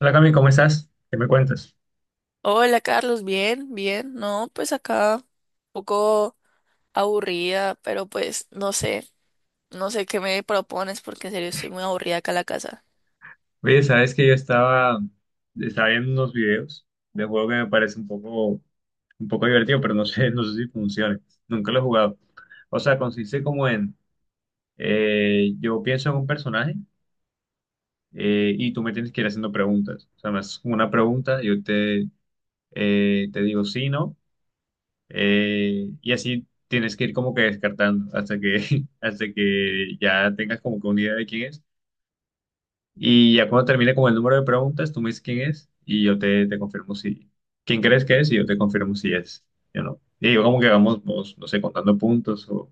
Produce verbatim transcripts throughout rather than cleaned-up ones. Hola Cami, ¿cómo estás? ¿Qué me cuentas? Hola Carlos, bien, bien. No, pues acá un poco aburrida, pero pues no sé, no sé qué me propones porque en serio estoy muy aburrida acá en la casa. Oye, sabes que yo estaba, estaba viendo unos videos de juego que me parece un poco, un poco divertido, pero no sé, no sé si funcione. Nunca lo he jugado. O sea, consiste como en, eh, yo pienso en un personaje eh, y tú me tienes que ir haciendo preguntas. O sea, me haces como una pregunta, yo te, eh, te digo sí, no, eh, y así tienes que ir como que descartando hasta que, hasta que ya tengas como que una idea de quién es. Y ya cuando termine con el número de preguntas, tú me dices quién es y yo te, te confirmo si, quién crees que es y yo te confirmo si es, yo no. Y yo como que vamos, vamos, no sé, contando puntos o,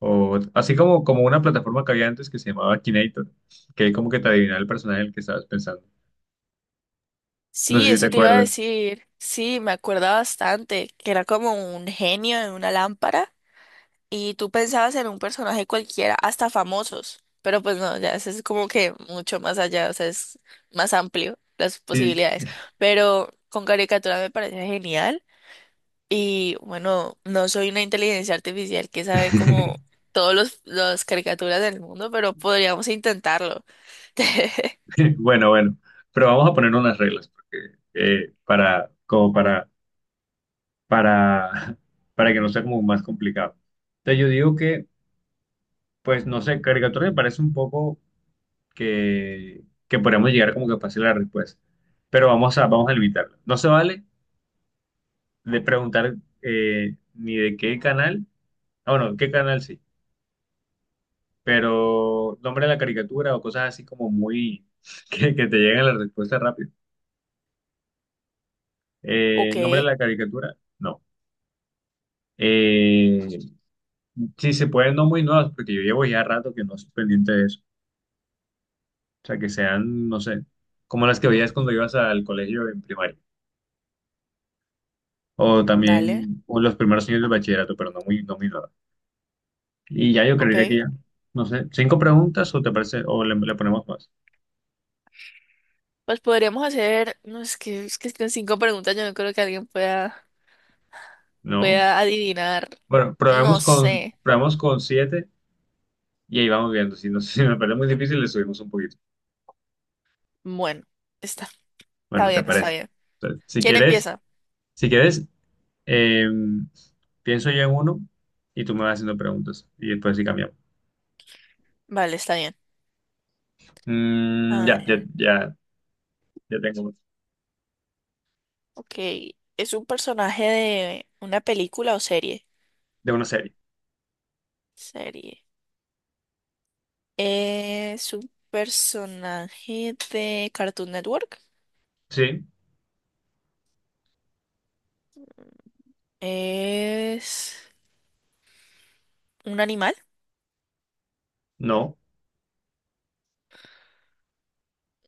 o así como, como una plataforma que había antes que se llamaba Kinator, que como que te adivinaba el personaje del que estabas pensando. No. Ah, Sí, sé si te sí, qué eso te iba a acuerdas. decir. Sí, me acuerda bastante que era como un genio en una lámpara y tú pensabas en un personaje cualquiera, hasta famosos, pero pues no, ya eso es como que mucho más allá, o sea, es más amplio las posibilidades. Pero con caricatura me parece genial. Y bueno, no soy una inteligencia artificial que sabe como todos los, las caricaturas del mundo, pero podríamos intentarlo. Sí, bueno, bueno, pero vamos a poner unas reglas porque, eh, para, como para, para, para que no sea como más complicado. Entonces yo digo que, pues no sé, caricatura me parece un poco que, que podríamos llegar como que fácil a la respuesta. Pero vamos a, vamos a limitarlo. No se vale de preguntar eh, ni de qué canal, ah, bueno, qué canal sí, pero nombre de la caricatura o cosas así como muy, que, que te lleguen la respuesta rápido. Eh, Ok, Nombre de la caricatura, no. Eh, sí, se pueden no muy nuevas, porque yo llevo ya rato que no estoy pendiente de eso. O sea, que sean, no sé, como las que veías cuando ibas al colegio en primaria. O mm, dale, también o los primeros años del bachillerato, pero no muy, no muy nada. Y ya yo ok. creería que ya, no sé, cinco preguntas o te parece, o le, le ponemos más. Pues podríamos hacer, no es que, es que con cinco preguntas yo no creo que alguien pueda, No, pueda adivinar, bueno, no probemos con, sé. probemos con siete y ahí vamos viendo. Si, no, si me parece muy difícil, le subimos un poquito. Bueno, está, está Bueno, ¿te bien, está parece? bien. Entonces, si ¿Quién quieres, empieza? si quieres, eh, pienso yo en uno y tú me vas haciendo preguntas y después sí cambiamos. Vale, está bien. Mm, A ya, ya, ver, ya, ya tengo uno. ok. ¿Es un personaje de una película o serie? De una serie. Serie. Es un personaje de Cartoon Network. Sí, Es un animal. no,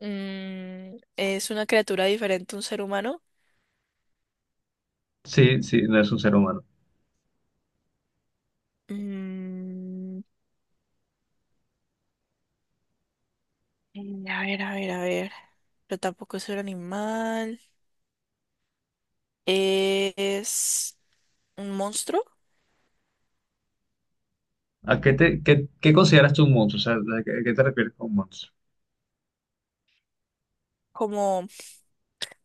Mm, ¿es una criatura diferente a un ser humano? sí, sí, no es un ser humano. Mm, eh, a ver, a ver, a ver. Pero tampoco es un animal. Es un monstruo. ¿A qué, te, qué, qué consideras tú un monstruo? O sea, ¿a qué, a qué te refieres con monstruo? Como,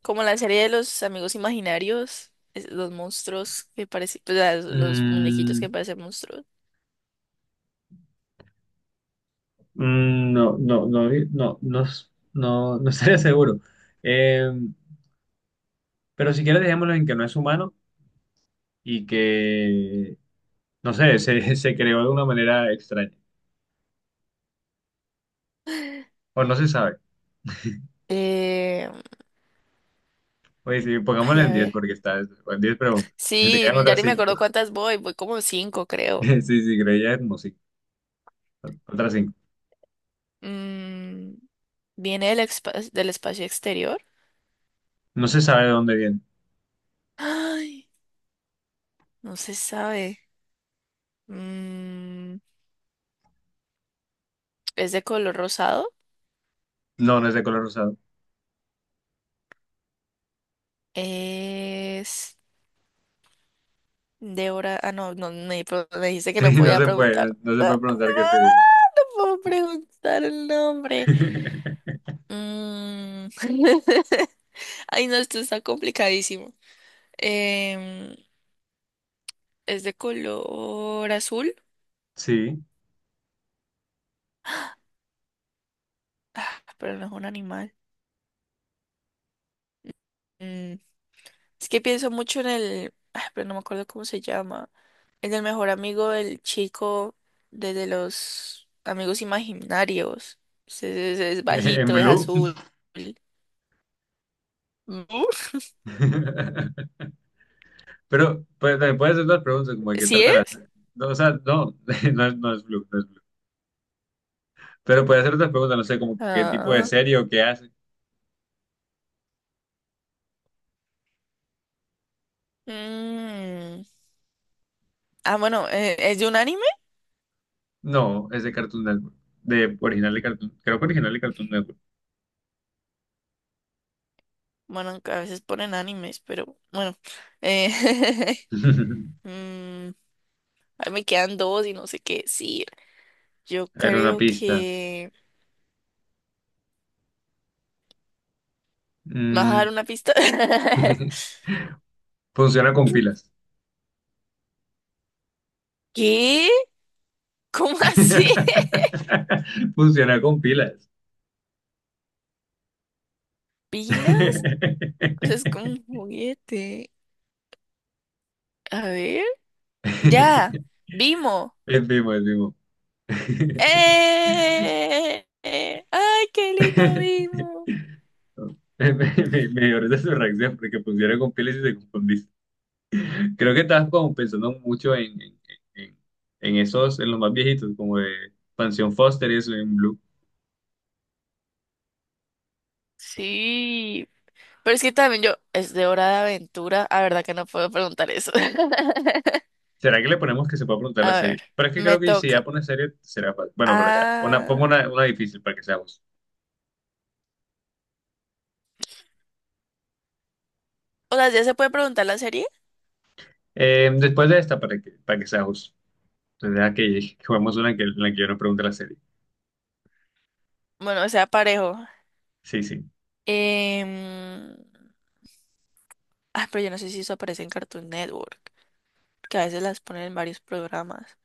como la serie de los amigos imaginarios. Es- los monstruos que parecen. Pues, ah, los muñequitos Mm, que parecen monstruos. mm, no, no, no, no, no, no, no estaría seguro. Eh, pero si quieres, dejémoslo en que no es humano y que, no sé, se, se creó de una manera extraña. O no se sabe. Eh, Oye, sí, pongámoslo ay, en a diez ver. porque está en diez preguntas. Te Sí, quedan ya otras ni me cinco. acuerdo cuántas voy, voy como cinco, creo. Sí, sí, creo que ya es como cinco. Otras cinco. Mm, ¿viene del, expa- del espacio exterior? No se sabe de dónde viene. Ay, no se sabe. Mm, ¿es de color rosado? No, no es de color rosado. Es de hora... Ah, no, no, me, pro- me dijiste que no Sí, no podía se preguntar. puede, no se puede preguntar qué se dice. Ah, ¿puedo preguntar el nombre? Mm, ay, no, esto está complicadísimo. Em, ¿es de color azul? Sí, Ah, pero no es un animal. Mm, es que pienso mucho en el, ah, pero no me acuerdo cómo se llama, en el mejor amigo del chico de, de los amigos imaginarios. Es, es- es en bajito, es blue. azul. Uf. Pero pues, también puede hacer otras preguntas como de qué ¿Sí tratan las... es? No, o sea, no, no es, no es blue, no es blue. Pero puede hacer otras preguntas, no sé, como qué tipo de Ah, serie o qué hace. mm. Ah, bueno, eh, ¿es de un anime? No, es de Cartoon Network. De original de Cartoon, creo que original de Cartoon Network. Bueno, a veces ponen animes, pero bueno. Eh, mm, ahí me quedan dos y no sé qué decir. Yo Era una creo pista. que... ¿Me vas a dar Mm, una pista? Funciona con pilas. ¿Qué? ¿Cómo así? Funciona con pilas. ¿Pilas? O sea, es como un juguete. A ver. Ya. Vimo. Es vivo, es vivo. ¡Eh! ¡Eh! ¡Ay, qué lindo Vimo! Me, me, me dio risa su reacción porque pusieron con pieles y se confundiste. Creo que estabas como pensando mucho en, en, en, en esos, en los más viejitos, como de Pansión Foster y eso en Blue. Sí. Pero es que también yo, es de hora de aventura. A verdad que no puedo preguntar eso. ¿Será que le ponemos que se pueda preguntar la A serie? ver, Pero es que me creo que si ya toca. pone serie, será fácil. Bueno, pero ya, una, pongo Ah. una, una difícil para que sea justo. O sea, ¿ya se puede preguntar la serie? Eh, después de esta, para que, para que sea justo. Entonces, deja que, que juguemos una en que, en la que yo no pregunte la serie. Bueno, o sea, parejo. Sí, sí. Em, Ah, pero yo no sé si eso aparece en Cartoon Network, que a veces las ponen en varios programas.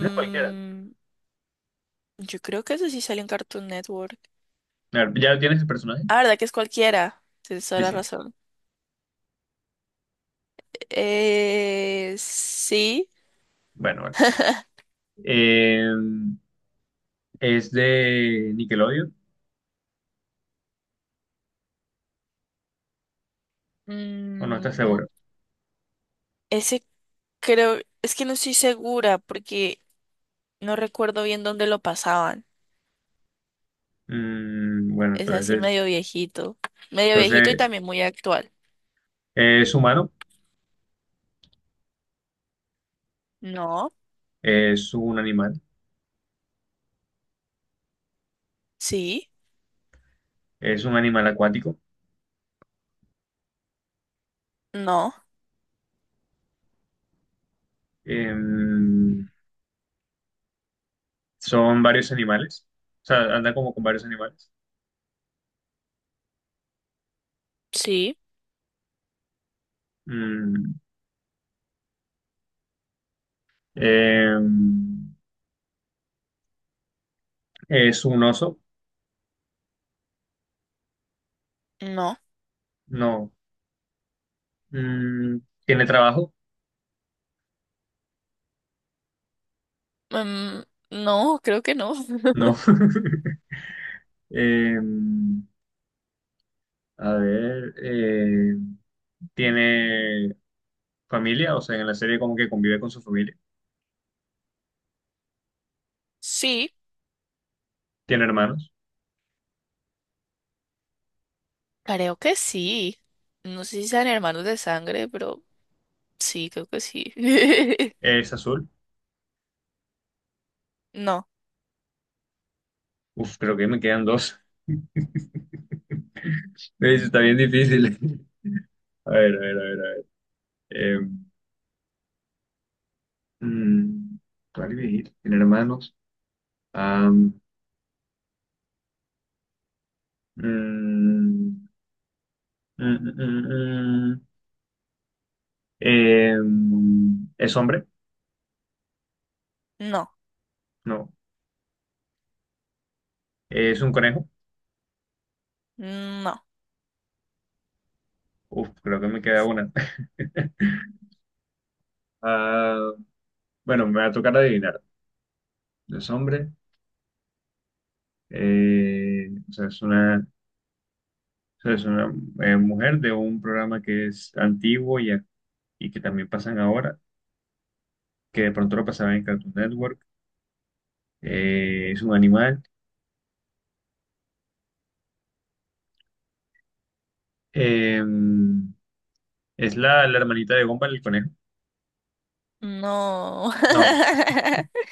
Una cualquiera. yo creo que ese sí sale en Cartoon Network. A ver, ¿ya tienes el personaje? Ah, ¿verdad que es cualquiera? Tienes toda Sí, la sí. razón. Eh, sí. Bueno, vale. Eh, ¿Es de Nickelodeon o no Mm, estás seguro? ese creo, es que no estoy segura porque no recuerdo bien dónde lo pasaban. Mm, bueno, Es así entonces, medio viejito. Medio viejito y entonces también muy actual. es humano, No, es un animal, sí, es un animal acuático. no, Em, son varios animales, o sea, anda como con varios animales. sí, Mm, em, es un oso, no. no. Mm, ¿Tiene trabajo? Mm, no, creo que no. No. Em, a ver, em, ¿tiene familia? O sea, en la serie como que convive con su familia. Sí, Tiene hermanos, creo que sí. No sé si sean hermanos de sangre, pero... Sí, creo que sí. es azul. No, Uf, creo que me quedan dos. Eso está bien difícil. A ver, a ver, a ver, a ver. Eh, mm, ¿cuál iba? Tiene hermanos. Am, mm, mm, mm, mm, mm. em, ¿Es hombre? no, No. ¿Es un conejo? no, Uf, creo que me queda una. Ah, bueno, me va a tocar adivinar. Es hombre, eh, o sea, es una, o sea, es una eh, mujer de un programa que es antiguo y y que también pasan ahora, que de pronto lo pasaban en Cartoon Network, eh, es un animal. Eh, es la, la hermanita de Gumball, el conejo. no. No,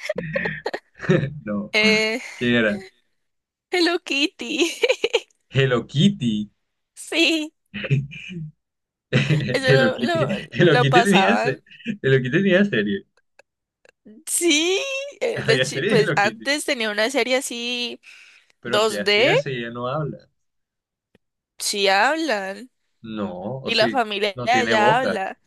no, Eh, ¿qué era? Hello Kitty. Hello Kitty. Sí, Hello eso lo, lo, Kitty. Hello lo Kitty tenía, se- pasaban. Hello Kitty tenía serie. Sí, eh, de Había chi- serie de pues Hello Kitty. antes tenía una serie así Pero ¿qué dos d hacía si ella no habla? sí hablan. No, o Y la sí, familia no de tiene allá boca. habla.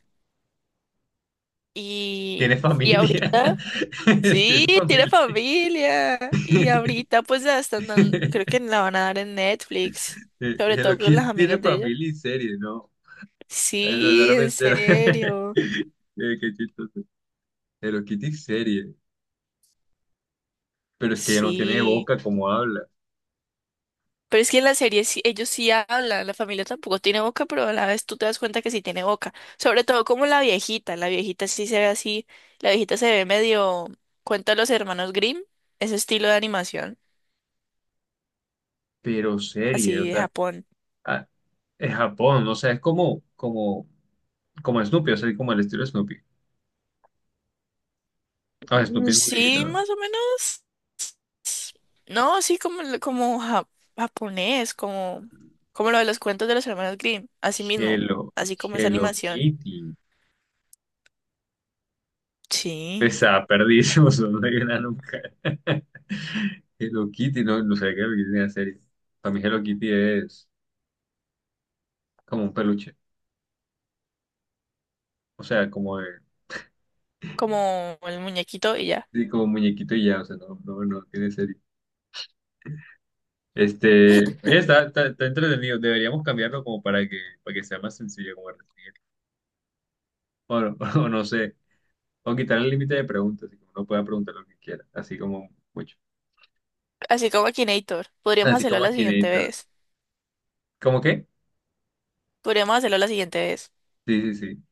Y, Tiene y familia. ahorita, sí, Tiene tiene familia. familia. Y ahorita pues la están dando, creo que la van a dar en Netflix. Sobre Hello todo con los Kitty tiene amigos de ella. familia y serie, ¿no? Eso Sí, en solamente era. serio. Eh, Qué chistoso. Hello Kitty serie. Pero es que ella no tiene Sí. boca como habla. Pero es que en la serie sí- ellos sí hablan, la familia tampoco tiene boca, pero a la vez tú te das cuenta que sí tiene boca. Sobre todo como la viejita, la viejita sí se ve así, la viejita se ve medio, cuenta los hermanos Grimm, ese estilo de animación, Pero serie, o así de sea, Japón. ah, es Japón, o sea, es como, como, como Snoopy, o sea, como el estilo de Snoopy. Ah, Mm, Snoopy es muy viejita, sí, ¿no? más o menos. No, así como, el- como ja- japonés, como, como lo de los cuentos de los hermanos Grimm, así mismo, Hello, así como esa Hello animación. Kitty. Sí. Esa, perdísimos, no hay una nunca. Hello Kitty, no, no sé qué es la serie. Para mí Hello Kitty es como un peluche, o sea, como de Como el muñequito y ya. Sí, como muñequito y ya, o sea, no, no, no, tiene serio. Este, oye, está, está, está entretenido, deberíamos cambiarlo como para que, para que, sea más sencillo como resumir. O, no o no sé, o quitar el límite de preguntas, y que uno pueda preguntar lo que quiera, así como mucho. Así como Akinator. Podríamos Así hacerlo como la aquí siguiente Akinator. vez. ¿Cómo qué? Podríamos hacerlo la siguiente vez. Sí, sí, sí.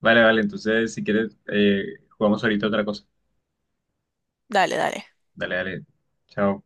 Vale, vale, entonces si quieres, eh, jugamos ahorita otra cosa. Dale, dale. Dale, dale. Chao.